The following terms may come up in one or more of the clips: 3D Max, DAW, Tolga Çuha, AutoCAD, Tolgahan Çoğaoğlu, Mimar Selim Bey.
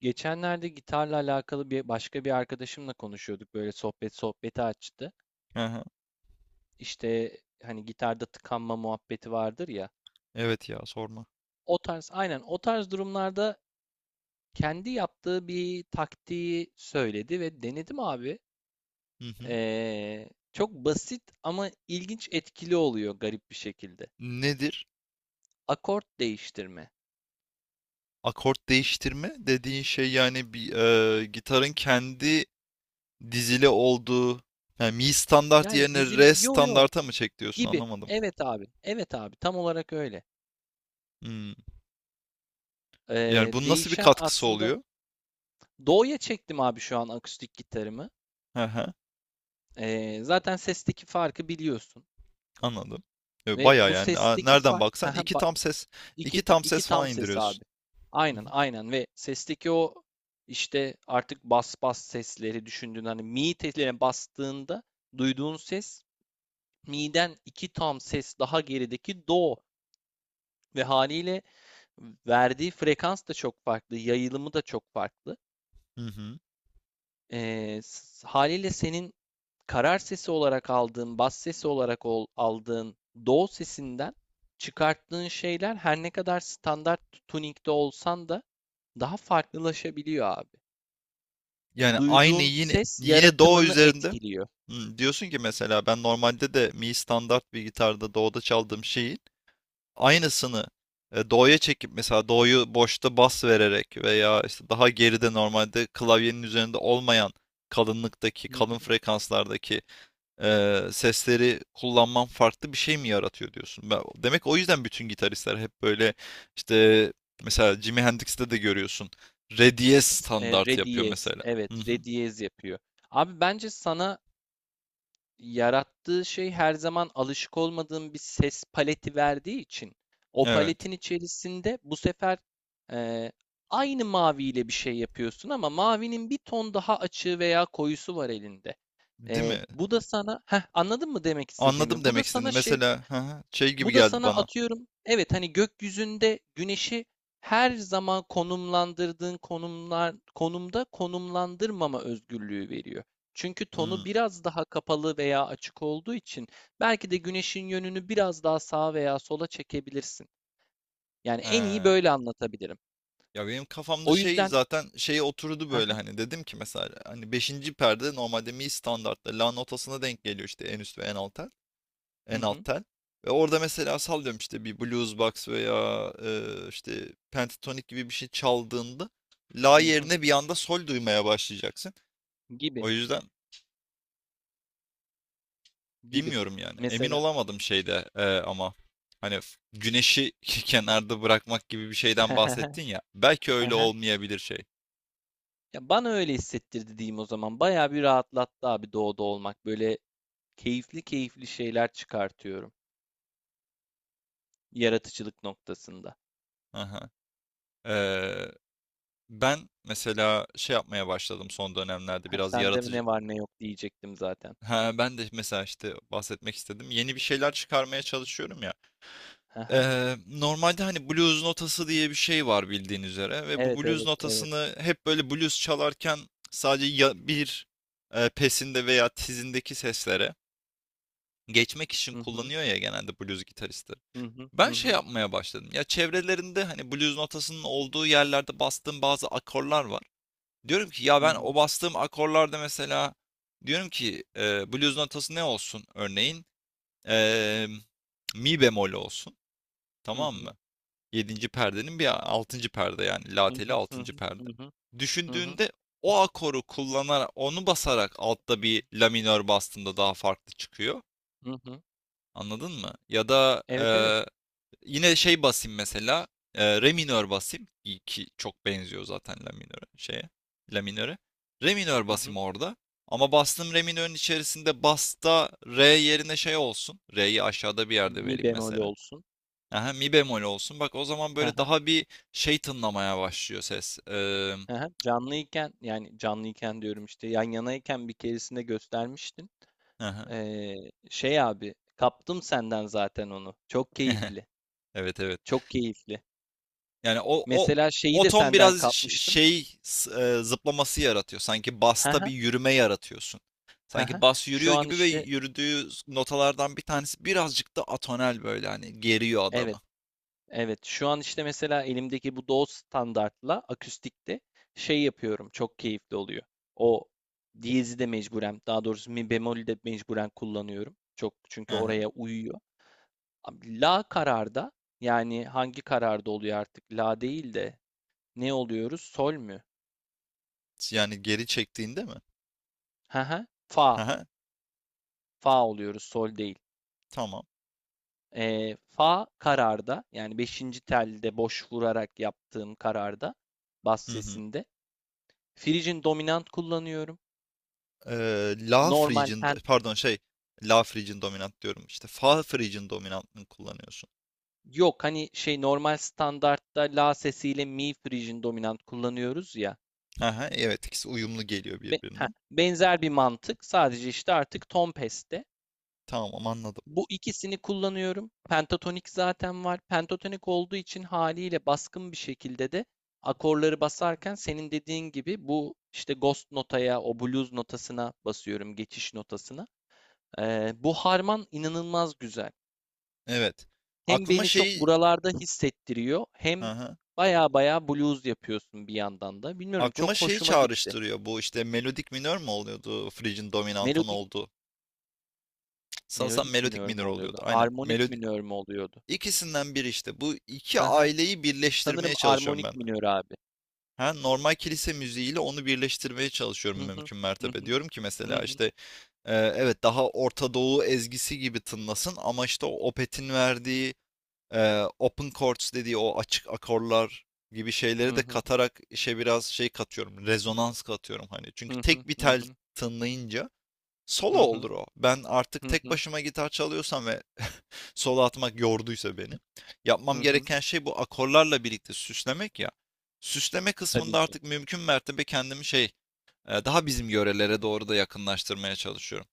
Geçenlerde gitarla alakalı başka bir arkadaşımla konuşuyorduk. Böyle sohbet sohbeti açtı. Aha, İşte hani gitarda tıkanma muhabbeti vardır ya. evet ya sorma. O tarz aynen o tarz durumlarda kendi yaptığı bir taktiği söyledi ve denedim abi. Hı hı. Çok basit ama ilginç, etkili oluyor garip bir şekilde. Nedir? Akort değiştirme. Akort değiştirme dediğin şey yani bir gitarın kendi dizili olduğu yani mi standart Yani yerine dizilim re yo yo standarta mı çek diyorsun gibi. anlamadım. Evet abi. Evet abi, tam olarak öyle. Hmm. Yani bunun nasıl bir Değişen katkısı aslında. oluyor? Do'ya çektim abi şu an akustik gitarımı. Hı hı, Zaten sesteki farkı biliyorsun. anladım. E, Ve Baya bu yani sesteki nereden fark baksan iki bak, tam ses iki, iki ta- tam iki ses tam falan ses abi. indiriyorsun. Hı Aynen hı. aynen, ve sesteki o işte artık bas sesleri düşündüğün, hani mi teline bastığında duyduğun ses, mi'den iki tam ses daha gerideki do. Ve haliyle verdiği frekans da çok farklı, yayılımı da çok farklı. Hı hı. Haliyle senin karar sesi olarak aldığın, bas sesi olarak aldığın do sesinden çıkarttığın şeyler, her ne kadar standart tuning'de olsan da, daha farklılaşabiliyor abi. Yani aynı Duyduğun yine ses yine do yaratımını üzerinde. etkiliyor. Diyorsun ki mesela ben normalde de mi standart bir gitarda do'da çaldığım şeyi aynısını do'ya çekip mesela do'yu boşta bas vererek veya işte daha geride normalde klavyenin üzerinde olmayan kalınlıktaki, Hı. kalın frekanslardaki sesleri kullanman farklı bir şey mi yaratıyor diyorsun? Demek o yüzden bütün gitaristler hep böyle işte mesela Jimi Hendrix'te de görüyorsun. Re diyez standart Re yapıyor diyez. mesela. Hı Evet, hı. re diyez yapıyor. Abi bence sana, yarattığı şey her zaman alışık olmadığın bir ses paleti verdiği için, o Evet. paletin içerisinde bu sefer eee, aynı maviyle bir şey yapıyorsun ama mavinin bir ton daha açığı veya koyusu var elinde. Değil mi? Bu da sana, anladın mı demek Anladım istediğimi? Demek istediğini. Mesela hı hı, şey gibi Bu da geldi sana bana. atıyorum, evet, hani gökyüzünde güneşi her zaman konumlandırdığın konumda konumlandırmama özgürlüğü veriyor. Çünkü Hmm, tonu biraz daha kapalı veya açık olduğu için, belki de güneşin yönünü biraz daha sağa veya sola çekebilirsin. Yani en iyi he. böyle anlatabilirim. Ya benim kafamda O şey yüzden zaten şey oturdu böyle hani dedim ki mesela hani beşinci perde normalde mi standartta la notasına denk geliyor işte en üst ve en alt tel. hı hı, En alt hı tel. Ve orada mesela sallıyorum işte bir blues box veya işte pentatonik gibi bir şey çaldığında la hı, yerine bir anda sol duymaya başlayacaksın. gibi O yüzden gibi bilmiyorum yani. Emin mesela. olamadım şeyde ama hani güneşi kenarda bırakmak gibi bir şeyden bahsettin ya. Belki öyle olmayabilir şey. Ya, bana öyle hissettirdi diyeyim o zaman. Bayağı bir rahatlattı abi doğuda olmak. Böyle keyifli keyifli şeyler çıkartıyorum yaratıcılık noktasında. Aha. Ben mesela şey yapmaya başladım son dönemlerde Ha, biraz sende yaratıcı. ne var ne yok diyecektim zaten. Ha, ben de mesela işte bahsetmek istedim. Yeni bir şeyler çıkarmaya çalışıyorum ya. Hı hı. Normalde hani blues notası diye bir şey var bildiğin üzere ve bu Evet, blues evet, evet. notasını hep böyle blues çalarken sadece ya bir pesinde veya tizindeki seslere geçmek için Hı hı. kullanıyor ya genelde blues gitaristleri. Hı hı. Hı Ben şey hı. yapmaya başladım. Ya çevrelerinde hani blues notasının olduğu yerlerde bastığım bazı akorlar var. Diyorum ki ya Hı ben hı. o bastığım akorlarda mesela diyorum ki blues notası ne olsun örneğin? E, mi bemol olsun. Hı Tamam hı. mı? Yedinci perdenin bir altıncı perde yani la Hı teli hı. Hı altıncı hı. perde. Hı hı. Hı hı. Düşündüğünde o akoru kullanarak onu basarak altta bir la minör bastığında daha farklı çıkıyor. Hı hı. Anladın mı? Ya da Evet, evet. yine şey basayım mesela. Re minör basayım. İyi ki çok benziyor zaten la minöre şeye. La minöre. Re minör Hı basayım hı. orada. Ama bastığım re minörün içerisinde basta re yerine şey olsun. Re'yi aşağıda bir yerde Mi vereyim bemol mesela. olsun. Aha, mi bemol olsun. Bak o zaman Hı böyle hı. daha bir şey tınlamaya başlıyor ses. Ee, Hı hı. Canlıyken, yani canlıyken diyorum, işte yan yanayken bir keresinde göstermiştin. aha. Ee, Şey abi, kaptım senden zaten onu. Çok keyifli. Evet evet. Çok keyifli. Yani o o Mesela şeyi o de ton senden biraz kapmıştım. şey zıplaması yaratıyor. Sanki He basta he, bir yürüme yaratıyorsun. he he. Sanki bas yürüyor Şu an gibi ve işte yürüdüğü notalardan bir tanesi birazcık da atonel böyle hani geriyor evet, adamı. evet. Şu an işte mesela elimdeki bu DAW standartla akustikte şey yapıyorum. Çok keyifli oluyor. O diyezi de mecburen, daha doğrusu mi bemolü de mecburen kullanıyorum. Çok, çünkü Hı hı. oraya uyuyor. Abi La kararda, yani hangi kararda oluyor artık? La değil de ne oluyoruz? Sol mü? Yani geri çektiğinde mi? He he. Hı Fa. hı. Fa oluyoruz, sol değil. Tamam. Fa kararda, yani beşinci telde boş vurarak yaptığım kararda, bas Hı hı. sesinde frigin dominant kullanıyorum. La Normal Phrygian pen pardon şey La Phrygian dominant diyorum işte. Fa Phrygian dominantını kullanıyorsun. Yok, hani şey, normal standartta la sesiyle mi frigin dominant kullanıyoruz ya. Hı hı. Evet ikisi uyumlu geliyor birbirine. Benzer bir mantık, sadece işte artık ton peste. Tamam anladım. Bu ikisini kullanıyorum. Pentatonik zaten var. Pentatonik olduğu için haliyle baskın bir şekilde de akorları basarken, senin dediğin gibi bu işte ghost notaya, o blues notasına basıyorum, geçiş notasına. Bu harman inanılmaz güzel. Evet. Hem Aklıma beni çok şeyi buralarda hissettiriyor, Hı hem hı. baya baya blues yapıyorsun bir yandan da. Bilmiyorum, Aklıma çok şeyi hoşuma gitti. çağrıştırıyor bu işte melodik minör mü oluyordu Frig'in dominantan Melodik, oldu. Sanırsam melodik melodik minör mü minör oluyordu oluyordu? aynen. Armonik Melodi minör mü oluyordu? ikisinden biri işte bu iki Hı hı. aileyi Sanırım birleştirmeye çalışıyorum ben armonik de. minör abi. Ha, normal kilise müziğiyle onu birleştirmeye çalışıyorum Hı hı. mümkün Hı mertebe. hı. Diyorum ki Hı mesela hı. işte evet daha Orta Doğu ezgisi gibi tınlasın ama işte o Opeth'in verdiği open chords dediği o açık akorlar gibi şeyleri Hı de hı. katarak işe biraz şey katıyorum. Rezonans katıyorum hani. Çünkü Hı hı. tek bir Hı tel hı. tınlayınca solo Hı hı. olur o. Ben artık Hı tek hı. başıma gitar çalıyorsam ve solo atmak yorduysa beni. Yapmam Hı hı. gereken şey bu akorlarla birlikte süslemek ya. Süsleme Tabii kısmında ki. artık mümkün mertebe kendimi şey daha bizim yörelere doğru da yakınlaştırmaya çalışıyorum.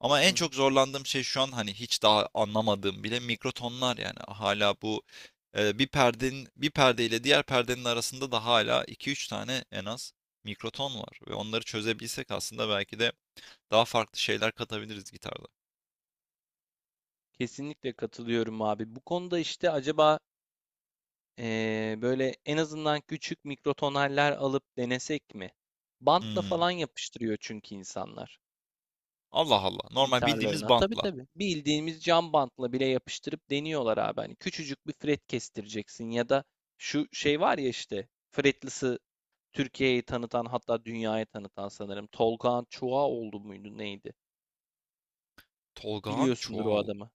Ama Hı en hı. çok zorlandığım şey şu an hani hiç daha anlamadığım bile mikrotonlar yani hala bu bir perdenin bir perdeyle diğer perdenin arasında da hala iki üç tane en az mikroton var ve onları çözebilsek aslında belki de daha farklı şeyler katabiliriz gitarda. Kesinlikle katılıyorum abi. Bu konuda işte acaba böyle en azından küçük mikrotonaller alıp denesek mi? Bantla Hmm. falan yapıştırıyor çünkü insanlar Allah Allah. Normal bildiğimiz gitarlarına. Tabii bantlar. tabii. Bildiğimiz cam bantla bile yapıştırıp deniyorlar abi. Hani küçücük bir fret kestireceksin, ya da şu şey var ya, işte fretlisi Türkiye'yi tanıtan, hatta dünyaya tanıtan sanırım. Tolga Çuha oldu muydu neydi? Tolgahan Biliyorsundur o Çoğaoğlu. adamı.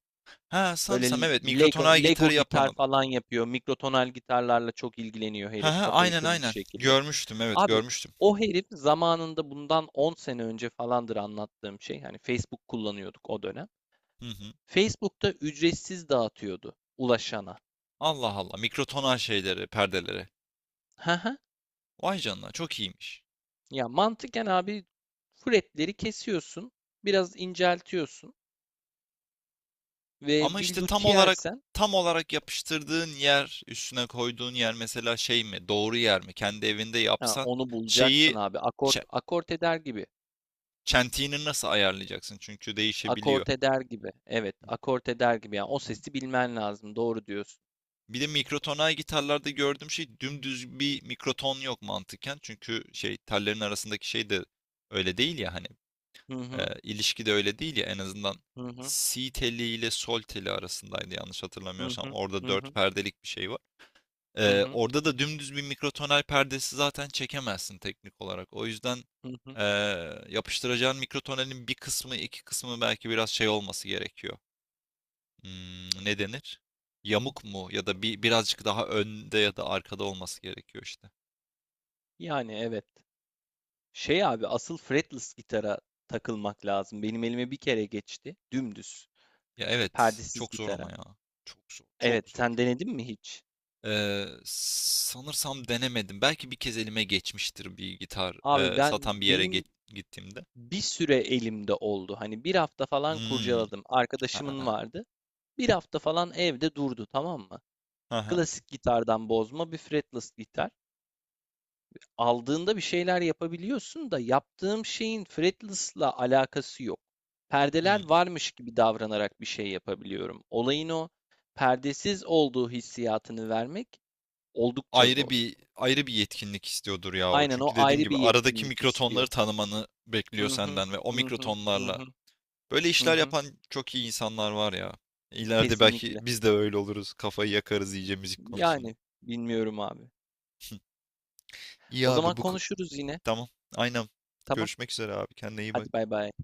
Ha Böyle sanırsam evet Lego, mikrotonal gitarı Lego yapan gitar adam. falan yapıyor. Mikrotonal gitarlarla çok ilgileniyor Ha herif. ha Kafayı aynen kırmış aynen. şekilde. Görmüştüm evet Abi görmüştüm. o herif zamanında, bundan 10 sene önce falandır anlattığım şey. Hani Facebook kullanıyorduk o dönem. Hı hı. Facebook'ta ücretsiz dağıtıyordu ulaşana. Allah Allah mikrotonal şeyleri, perdeleri. Hı. Vay canına çok iyiymiş. Ya mantıken abi, fretleri kesiyorsun, biraz inceltiyorsun ve Ama bir işte tam luthier olarak sen, tam olarak yapıştırdığın yer, üstüne koyduğun yer mesela şey mi, doğru yer mi? Kendi evinde ha, yapsan onu bulacaksın şeyi abi. Akort çe- akort eder gibi. çentiğini nasıl ayarlayacaksın? Çünkü değişebiliyor. Akort eder gibi. Evet, akort eder gibi. Yani o sesi bilmen lazım. Doğru diyorsun. Bir de mikrotonal gitarlarda gördüğüm şey dümdüz bir mikroton yok mantıken. Çünkü şey tellerin arasındaki şey de öyle değil ya hani Hı hı, ilişki de öyle değil ya en azından hı hı, si teli ile sol teli arasındaydı yanlış hı hatırlamıyorsam. hı, Orada hı dört hı, perdelik bir şey var. hı Ee, hı, orada da dümdüz bir mikrotonal perdesi zaten çekemezsin teknik olarak. O yüzden hı hı. ee, yapıştıracağın mikrotonalin bir kısmı, iki kısmı belki biraz şey olması gerekiyor. Ne denir? Yamuk mu? Ya da bir birazcık daha önde ya da arkada olması gerekiyor işte. Yani evet. Şey abi, asıl fretless gitara takılmak lazım. Benim elime bir kere geçti. Dümdüz. Ya İşte evet, perdesiz çok zor ama gitara. ya. Çok zor, Evet, çok zor. sen denedin mi hiç? Sanırsam denemedim. Belki bir kez elime geçmiştir bir gitar Abi ben satan bir yere benim gittiğimde. bir süre elimde oldu. Hani bir hafta falan Hmm. kurcaladım. Arkadaşımın Ha, vardı. Bir hafta falan evde durdu, tamam mı? ha, ha. Klasik gitardan bozma bir fretless gitar. Aldığında bir şeyler yapabiliyorsun da, yaptığım şeyin fretless'la alakası yok. Hmm. Perdeler varmış gibi davranarak bir şey yapabiliyorum. Olayın o perdesiz olduğu hissiyatını vermek oldukça ayrı zor. bir ayrı bir yetkinlik istiyordur ya o. Aynen, o Çünkü dediğim ayrı bir gibi aradaki yetkinlik mikrotonları istiyor. tanımanı Hı bekliyor hı, senden ve o hı hı, hı mikrotonlarla hı, böyle hı işler hı. yapan çok iyi insanlar var ya. İleride belki Kesinlikle. biz de öyle oluruz. Kafayı yakarız iyice müzik konusunda. Yani bilmiyorum abi. İyi O abi zaman bu konuşuruz yine. tamam. Aynen. Tamam. Görüşmek üzere abi. Kendine iyi Hadi bak. bay bay.